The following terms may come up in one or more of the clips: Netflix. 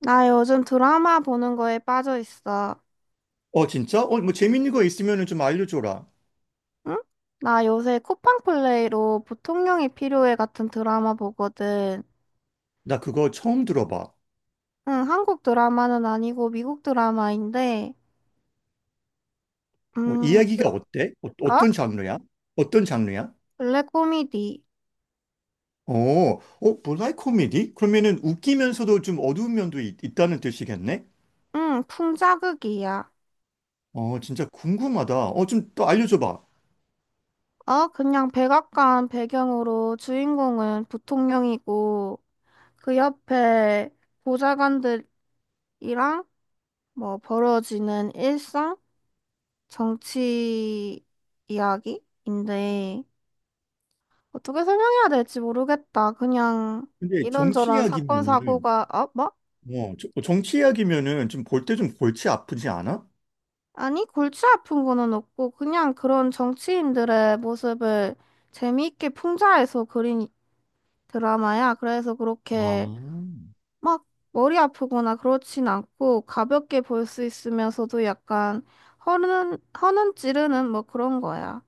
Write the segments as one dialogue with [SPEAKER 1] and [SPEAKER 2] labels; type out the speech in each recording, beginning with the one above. [SPEAKER 1] 나 요즘 드라마 보는 거에 빠져 있어.
[SPEAKER 2] 진짜? 뭐 재밌는 거 있으면 좀 알려줘라.
[SPEAKER 1] 응? 나 요새 쿠팡플레이로 보통령이 필요해 같은 드라마 보거든.
[SPEAKER 2] 나 그거 처음 들어봐.
[SPEAKER 1] 응, 한국 드라마는 아니고 미국 드라마인데, 음,
[SPEAKER 2] 이야기가 어때? 어,
[SPEAKER 1] 어?
[SPEAKER 2] 떤 장르야? 어떤 장르야?
[SPEAKER 1] 블랙 코미디.
[SPEAKER 2] 어, 블랙 코미디? 그러면은 웃기면서도 좀 어두운 면도 있, 다는 뜻이겠네?
[SPEAKER 1] 응, 풍자극이야.
[SPEAKER 2] 진짜 궁금하다. 좀 또 알려줘봐.
[SPEAKER 1] 어, 그냥 백악관 배경으로 주인공은 부통령이고, 그 옆에 보좌관들이랑 뭐 벌어지는 일상? 정치 이야기인데, 어떻게 설명해야 될지 모르겠다. 그냥
[SPEAKER 2] 근데 정치
[SPEAKER 1] 이런저런 사건
[SPEAKER 2] 이야기면은,
[SPEAKER 1] 사고가. 어? 뭐?
[SPEAKER 2] 정치 이야기면은 좀 볼 때 좀 골치 아프지 않아?
[SPEAKER 1] 아니, 골치 아픈 거는 없고 그냥 그런 정치인들의 모습을 재미있게 풍자해서 그린 드라마야. 그래서 그렇게
[SPEAKER 2] 아,
[SPEAKER 1] 막 머리 아프거나 그렇진 않고 가볍게 볼 수 있으면서도 약간 허는 찌르는 뭐 그런 거야.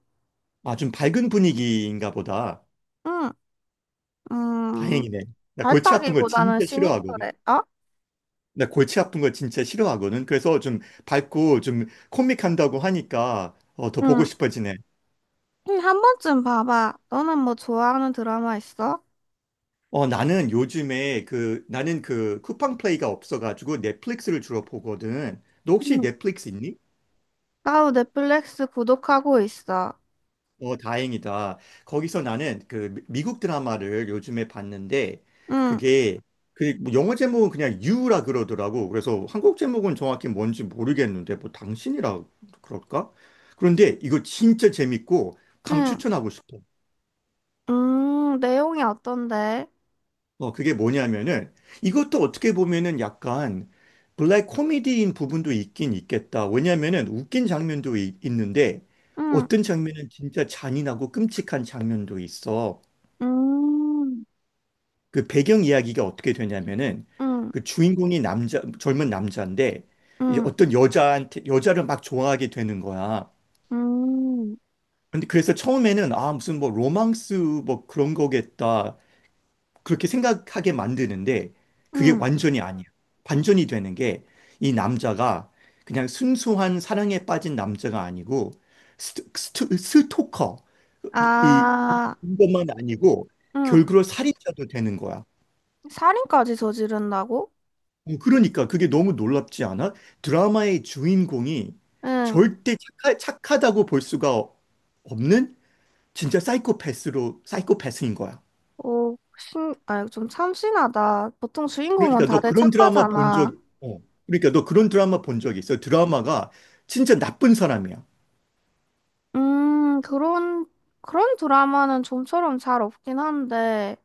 [SPEAKER 2] 아, 좀 밝은 분위기인가 보다.
[SPEAKER 1] 응, 음,
[SPEAKER 2] 다행이네. 나 골치 아픈 거
[SPEAKER 1] 밝다기보다는
[SPEAKER 2] 진짜 싫어하거든.
[SPEAKER 1] 시니컬해. 어?
[SPEAKER 2] 나 골치 아픈 거 진짜 싫어하거든. 그래서 좀 밝고 좀 코믹한다고 하니까 더 보고
[SPEAKER 1] 응.
[SPEAKER 2] 싶어지네.
[SPEAKER 1] 응, 한 번쯤 봐봐. 너는 뭐 좋아하는 드라마 있어?
[SPEAKER 2] 나는 요즘에 그 나는 그 쿠팡 플레이가 없어가지고 넷플릭스를 주로 보거든. 너 혹시
[SPEAKER 1] 응.
[SPEAKER 2] 넷플릭스 있니?
[SPEAKER 1] 나도 넷플릭스 구독하고 있어.
[SPEAKER 2] 다행이다. 거기서 나는 미국 드라마를 요즘에 봤는데
[SPEAKER 1] 응,
[SPEAKER 2] 그게 그뭐 영어 제목은 그냥 유라 그러더라고. 그래서 한국 제목은 정확히 뭔지 모르겠는데 뭐 당신이라 그럴까? 그런데 이거 진짜 재밌고
[SPEAKER 1] 응,
[SPEAKER 2] 강추천하고 싶어.
[SPEAKER 1] 내용이 어떤데?
[SPEAKER 2] 그게 뭐냐면은 이것도 어떻게 보면은 약간 블랙 코미디인 부분도 있긴 있겠다. 왜냐면은 웃긴 있는데
[SPEAKER 1] 응,
[SPEAKER 2] 어떤 장면은 진짜 잔인하고 끔찍한 장면도 있어.
[SPEAKER 1] 음,
[SPEAKER 2] 그 배경 이야기가 어떻게 되냐면은
[SPEAKER 1] 응,
[SPEAKER 2] 그 주인공이 남자, 젊은 남자인데 이제
[SPEAKER 1] 응,
[SPEAKER 2] 어떤 여자한테, 여자를 막 좋아하게 되는 거야.
[SPEAKER 1] 응
[SPEAKER 2] 근데 그래서 처음에는 아, 무슨 뭐 로망스 뭐 그런 거겠다. 그렇게 생각하게 만드는데 그게
[SPEAKER 1] 응.
[SPEAKER 2] 완전히 아니야. 반전이 되는 게 이 남자가 그냥 순수한 사랑에 빠진 남자가 아니고 스토커
[SPEAKER 1] 아,
[SPEAKER 2] 이것만 아니고
[SPEAKER 1] 응.
[SPEAKER 2] 결국은 살인자도 되는 거야.
[SPEAKER 1] 살인까지 저지른다고?
[SPEAKER 2] 그러니까 그게 너무 놀랍지 않아? 드라마의 주인공이
[SPEAKER 1] 응.
[SPEAKER 2] 절대 착하다고 볼 수가 없는 진짜 사이코패스로 사이코패스인 거야.
[SPEAKER 1] 오, 신, 아, 좀 참신하다. 보통 주인공은
[SPEAKER 2] 그러니까 너
[SPEAKER 1] 다들
[SPEAKER 2] 그런 드라마 본 적,
[SPEAKER 1] 착하잖아.
[SPEAKER 2] 어. 그러니까 너 그런 드라마 본 적 있어. 드라마가 진짜 나쁜 사람이야.
[SPEAKER 1] 음, 그런, 그런 드라마는 좀처럼 잘 없긴 한데.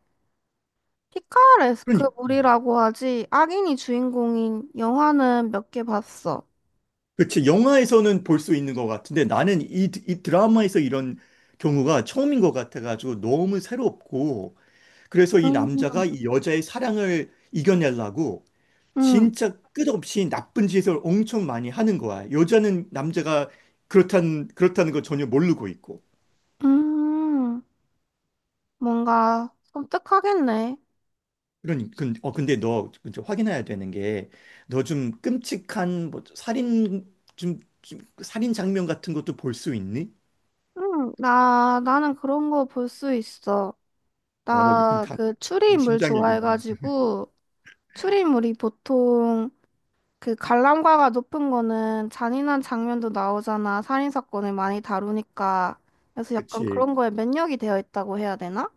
[SPEAKER 1] 피카레스크
[SPEAKER 2] 그러니까. 음.
[SPEAKER 1] 물이라고 하지. 악인이 주인공인 영화는 몇 개 봤어.
[SPEAKER 2] 그렇지. 영화에서는 볼 수 있는 것 같은데 나는 이 드라마에서 이런 경우가 처음인 것 같아가지고 너무 새롭고 그래서 이 남자가
[SPEAKER 1] 음.
[SPEAKER 2] 이 여자의 사랑을 이겨내려고
[SPEAKER 1] 응.
[SPEAKER 2] 진짜 끝없이 나쁜 짓을 엄청 많이 하는 거야. 여자는 남자가 그렇다는 걸 전혀 모르고 있고.
[SPEAKER 1] 음, 뭔가 섬뜩하겠네.
[SPEAKER 2] 그러니 근, 어 근데 너 이제 확인해야 되는 게 너 좀 끔찍한 뭐 좀 살인 장면 같은 것도 볼 수 있니?
[SPEAKER 1] 응, 나는 그런 거 볼 수 있어.
[SPEAKER 2] 어, 너 지금
[SPEAKER 1] 나
[SPEAKER 2] 강,
[SPEAKER 1] 그 추리인물
[SPEAKER 2] 강심장이구나.
[SPEAKER 1] 좋아해가지고, 추리인물이 보통 그 관람가가 높은 거는 잔인한 장면도 나오잖아. 살인사건을 많이 다루니까. 그래서 약간
[SPEAKER 2] 그치.
[SPEAKER 1] 그런 거에 면역이 되어 있다고 해야 되나?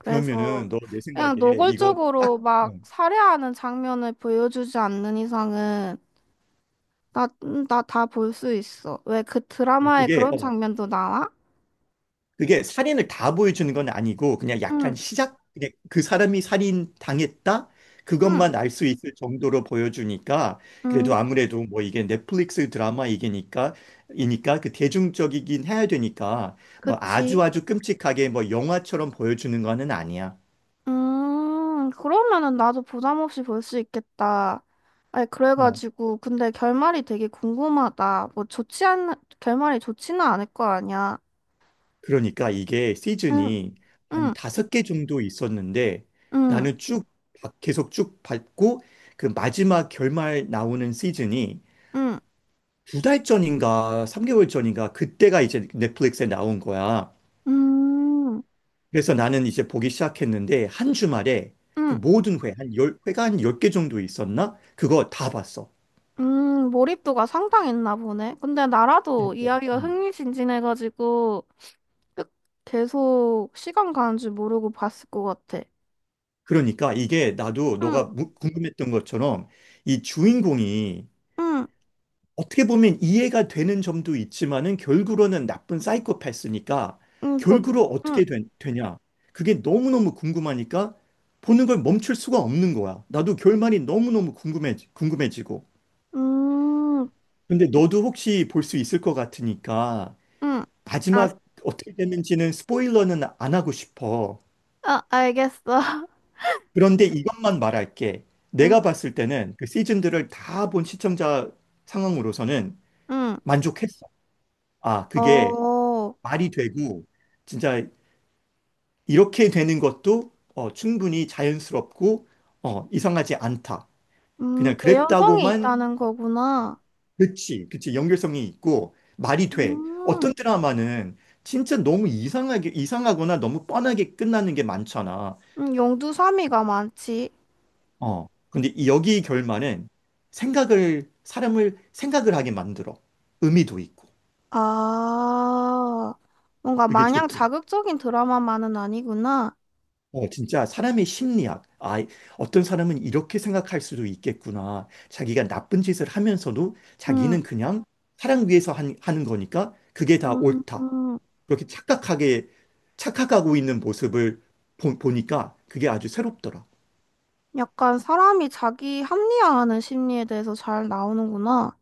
[SPEAKER 2] 그러면은 너 내
[SPEAKER 1] 그냥
[SPEAKER 2] 생각에 이거 딱
[SPEAKER 1] 노골적으로 막
[SPEAKER 2] 어,
[SPEAKER 1] 살해하는 장면을 보여주지 않는 이상은 나다 볼 수 있어. 왜 그
[SPEAKER 2] 어,
[SPEAKER 1] 드라마에
[SPEAKER 2] 그게
[SPEAKER 1] 그런
[SPEAKER 2] 어,
[SPEAKER 1] 장면도 나와?
[SPEAKER 2] 그게 살인을 다 보여주는 건 아니고 그냥
[SPEAKER 1] 응,
[SPEAKER 2] 약간 시작 그냥 그 사람이 살인 당했다
[SPEAKER 1] 응,
[SPEAKER 2] 그것만 알 수 있을 정도로 보여주니까
[SPEAKER 1] 응,
[SPEAKER 2] 그래도 아무래도 뭐 이게 넷플릭스 드라마 이게니까 이니까 그 대중적이긴 해야 되니까 뭐 아주
[SPEAKER 1] 그치.
[SPEAKER 2] 아주 끔찍하게 뭐 영화처럼 보여주는 거는 아니야.
[SPEAKER 1] 그러면은 나도 부담 없이 볼 수 있겠다. 아니,
[SPEAKER 2] 어.
[SPEAKER 1] 그래가지고, 근데 결말이 되게 궁금하다. 결말이 좋지는 않을 거 아니야.
[SPEAKER 2] 그러니까 이게
[SPEAKER 1] 응,
[SPEAKER 2] 시즌이 한
[SPEAKER 1] 응,
[SPEAKER 2] 다섯 개 정도 있었는데
[SPEAKER 1] 응,
[SPEAKER 2] 나는 쭉 계속 쭉 봤고 그 마지막 결말 나오는 시즌이
[SPEAKER 1] 응,
[SPEAKER 2] 두 달 전인가 3개월 전인가 그때가 이제 넷플릭스에 나온 거야.
[SPEAKER 1] 응,
[SPEAKER 2] 그래서 나는 이제 보기 시작했는데 한 주말에
[SPEAKER 1] 응.
[SPEAKER 2] 한 열 회가 한 10개 정도 있었나? 그거 다 봤어.
[SPEAKER 1] 몰입도가 상당했나 보네. 근데 나라도
[SPEAKER 2] 일단.
[SPEAKER 1] 이야기가
[SPEAKER 2] 음.
[SPEAKER 1] 흥미진진해가지고 끝- 계속 시간 가는 줄 모르고 봤을 것 같아.
[SPEAKER 2] 그러니까 이게 나도 너가
[SPEAKER 1] 응,
[SPEAKER 2] 무- 궁금했던 것처럼 이 주인공이
[SPEAKER 1] 응,
[SPEAKER 2] 어떻게 보면 이해가 되는 점도 있지만은 결국으로는 나쁜 사이코패스니까
[SPEAKER 1] 응,
[SPEAKER 2] 결국으로
[SPEAKER 1] 응,
[SPEAKER 2] 어떻게 된- 되냐? 그게 너무너무 궁금하니까 보는 걸 멈출 수가 없는 거야. 나도 결말이 너무너무 궁금해지고.
[SPEAKER 1] 음,
[SPEAKER 2] 근데 너도 혹시 볼 수 있을 것 같으니까
[SPEAKER 1] 응. 아,
[SPEAKER 2] 마지막 어떻게 됐는지는 스포일러는 안 하고 싶어.
[SPEAKER 1] 아, 알겠어.
[SPEAKER 2] 그런데 이것만 말할게.
[SPEAKER 1] 음,
[SPEAKER 2] 내가 봤을 때는 그 시즌들을 다 본 시청자 상황으로서는
[SPEAKER 1] 응.
[SPEAKER 2] 만족했어. 그게
[SPEAKER 1] 어,
[SPEAKER 2] 말이 되고 진짜 이렇게 되는 것도 충분히 자연스럽고 이상하지 않다. 그냥
[SPEAKER 1] 개연성이
[SPEAKER 2] 그랬다고만
[SPEAKER 1] 있다는
[SPEAKER 2] 어,
[SPEAKER 1] 거구나.
[SPEAKER 2] 그치, 그치. 연결성이 있고 말이 돼. 어떤
[SPEAKER 1] 음,
[SPEAKER 2] 드라마는 진짜 너무 이상하거나 너무 뻔하게 끝나는 게 많잖아.
[SPEAKER 1] 용두사미가 많지.
[SPEAKER 2] 어. 근데 여기 결말은 사람을 생각을 하게 만들어. 의미도 있고.
[SPEAKER 1] 아, 뭔가
[SPEAKER 2] 그게
[SPEAKER 1] 마냥
[SPEAKER 2] 좋더라.
[SPEAKER 1] 자극적인 드라마만은 아니구나.
[SPEAKER 2] 진짜 사람의 심리학. 아, 어떤 사람은 이렇게 생각할 수도 있겠구나. 자기가 나쁜 짓을 하면서도 자기는
[SPEAKER 1] 음.
[SPEAKER 2] 그냥 사랑 위해서 하는 거니까 그게 다 옳다.
[SPEAKER 1] 음,
[SPEAKER 2] 그렇게 착각하게, 착각하고 있는 모습을 보니까 그게 아주 새롭더라.
[SPEAKER 1] 약간 사람이 자기 합리화하는 심리에 대해서 잘 나오는구나.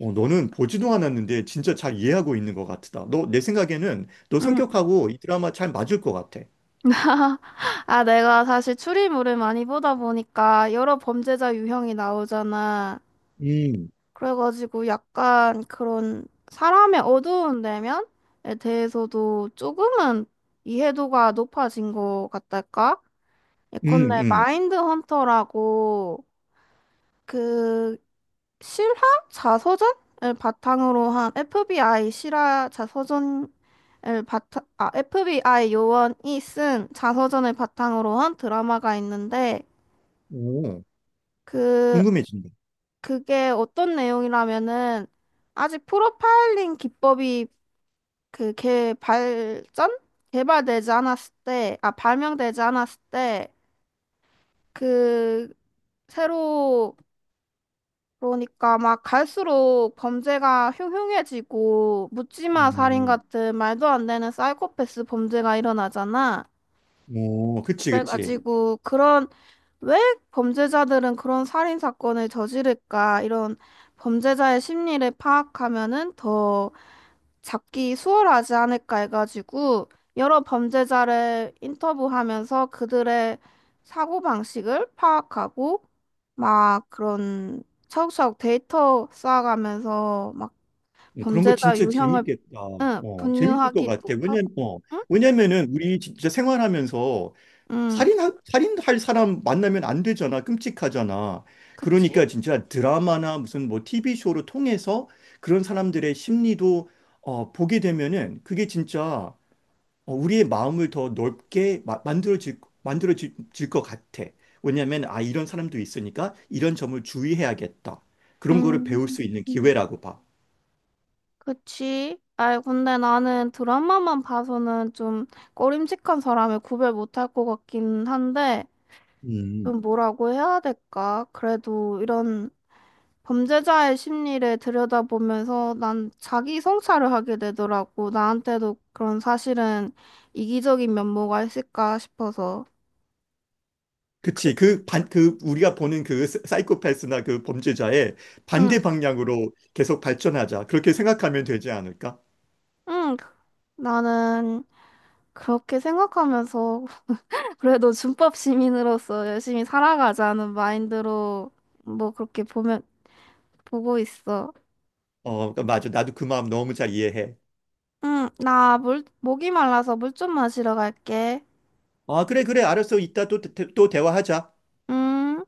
[SPEAKER 2] 너는 보지도 않았는데 진짜 잘 이해하고 있는 것 같다. 너, 내 생각에는 너
[SPEAKER 1] 음.
[SPEAKER 2] 성격하고 이 드라마 잘 맞을 것 같아.
[SPEAKER 1] 아, 내가 사실 추리물을 많이 보다 보니까 여러 범죄자 유형이 나오잖아.
[SPEAKER 2] 음,
[SPEAKER 1] 그래가지고 약간 그런 사람의 어두운 내면에 대해서도 조금은 이해도가 높아진 것 같달까?
[SPEAKER 2] 음,
[SPEAKER 1] 예컨대
[SPEAKER 2] 음.
[SPEAKER 1] 마인드 헌터라고 그 실화 자서전을 바탕으로 한 FBI 실화 자서전을 바탕, 아, FBI 요원이 쓴 자서전을 바탕으로 한 드라마가 있는데,
[SPEAKER 2] 오,
[SPEAKER 1] 그,
[SPEAKER 2] 궁금해진다.
[SPEAKER 1] 그게 어떤 내용이라면은 아직 프로파일링 기법이 그 개 발전 개발되지 않았을 때, 아, 발명되지 않았을 때 그 새로, 그러니까 막 갈수록 범죄가 흉흉해지고 묻지마 살인
[SPEAKER 2] 음,
[SPEAKER 1] 같은 말도 안 되는 사이코패스 범죄가 일어나잖아.
[SPEAKER 2] 오, 그치, 그치.
[SPEAKER 1] 그래가지고 그런, 왜 범죄자들은 그런 살인 사건을 저지를까, 이런 범죄자의 심리를 파악하면은 더 잡기 수월하지 않을까 해가지고 여러 범죄자를 인터뷰하면서 그들의 사고방식을 파악하고 막 그런 차곡차곡 데이터 쌓아가면서 막
[SPEAKER 2] 그런 거
[SPEAKER 1] 범죄자
[SPEAKER 2] 진짜
[SPEAKER 1] 유형을
[SPEAKER 2] 재밌겠다.
[SPEAKER 1] 응,
[SPEAKER 2] 재밌을 것
[SPEAKER 1] 분류하기도
[SPEAKER 2] 같아.
[SPEAKER 1] 하고. 응?
[SPEAKER 2] 왜냐면은 우리 진짜 생활하면서
[SPEAKER 1] 응,
[SPEAKER 2] 살인, 살인할 사람 만나면 안 되잖아. 끔찍하잖아.
[SPEAKER 1] 그치?
[SPEAKER 2] 그러니까 진짜 드라마나 무슨 뭐 TV쇼를 통해서 그런 사람들의 심리도 보게 되면은 그게 진짜 우리의 마음을 더 넓게 만들어질 것 같아. 이런 사람도 있으니까 이런 점을 주의해야겠다. 그런 거를 배울
[SPEAKER 1] 음,
[SPEAKER 2] 수 있는
[SPEAKER 1] 음,
[SPEAKER 2] 기회라고 봐.
[SPEAKER 1] 그치? 아이, 근데 나는 드라마만 봐서는 좀 꺼림칙한 사람을 구별 못할 것 같긴 한데
[SPEAKER 2] 음.
[SPEAKER 1] 좀 뭐라고 해야 될까? 그래도 이런 범죄자의 심리를 들여다보면서 난 자기 성찰을 하게 되더라고. 나한테도 그런 사실은 이기적인 면모가 있을까 싶어서. 그,
[SPEAKER 2] 그치. 그 우리가 보는 사이코패스나 그 범죄자의
[SPEAKER 1] 응,
[SPEAKER 2] 반대 방향으로 계속 발전하자. 그렇게 생각하면 되지 않을까?
[SPEAKER 1] 응. 나는 그렇게 생각하면서 그래도 준법 시민으로서 열심히 살아가자는 마인드로 뭐 그렇게 보면 보고 있어.
[SPEAKER 2] 그러니까 맞아. 나도 그 마음 너무 잘 이해해.
[SPEAKER 1] 응, 나 물, 목이 말라서 물 좀 마시러 갈게.
[SPEAKER 2] 아, 그래, 그래. 알았어. 이따 또, 또 대화하자.
[SPEAKER 1] 응.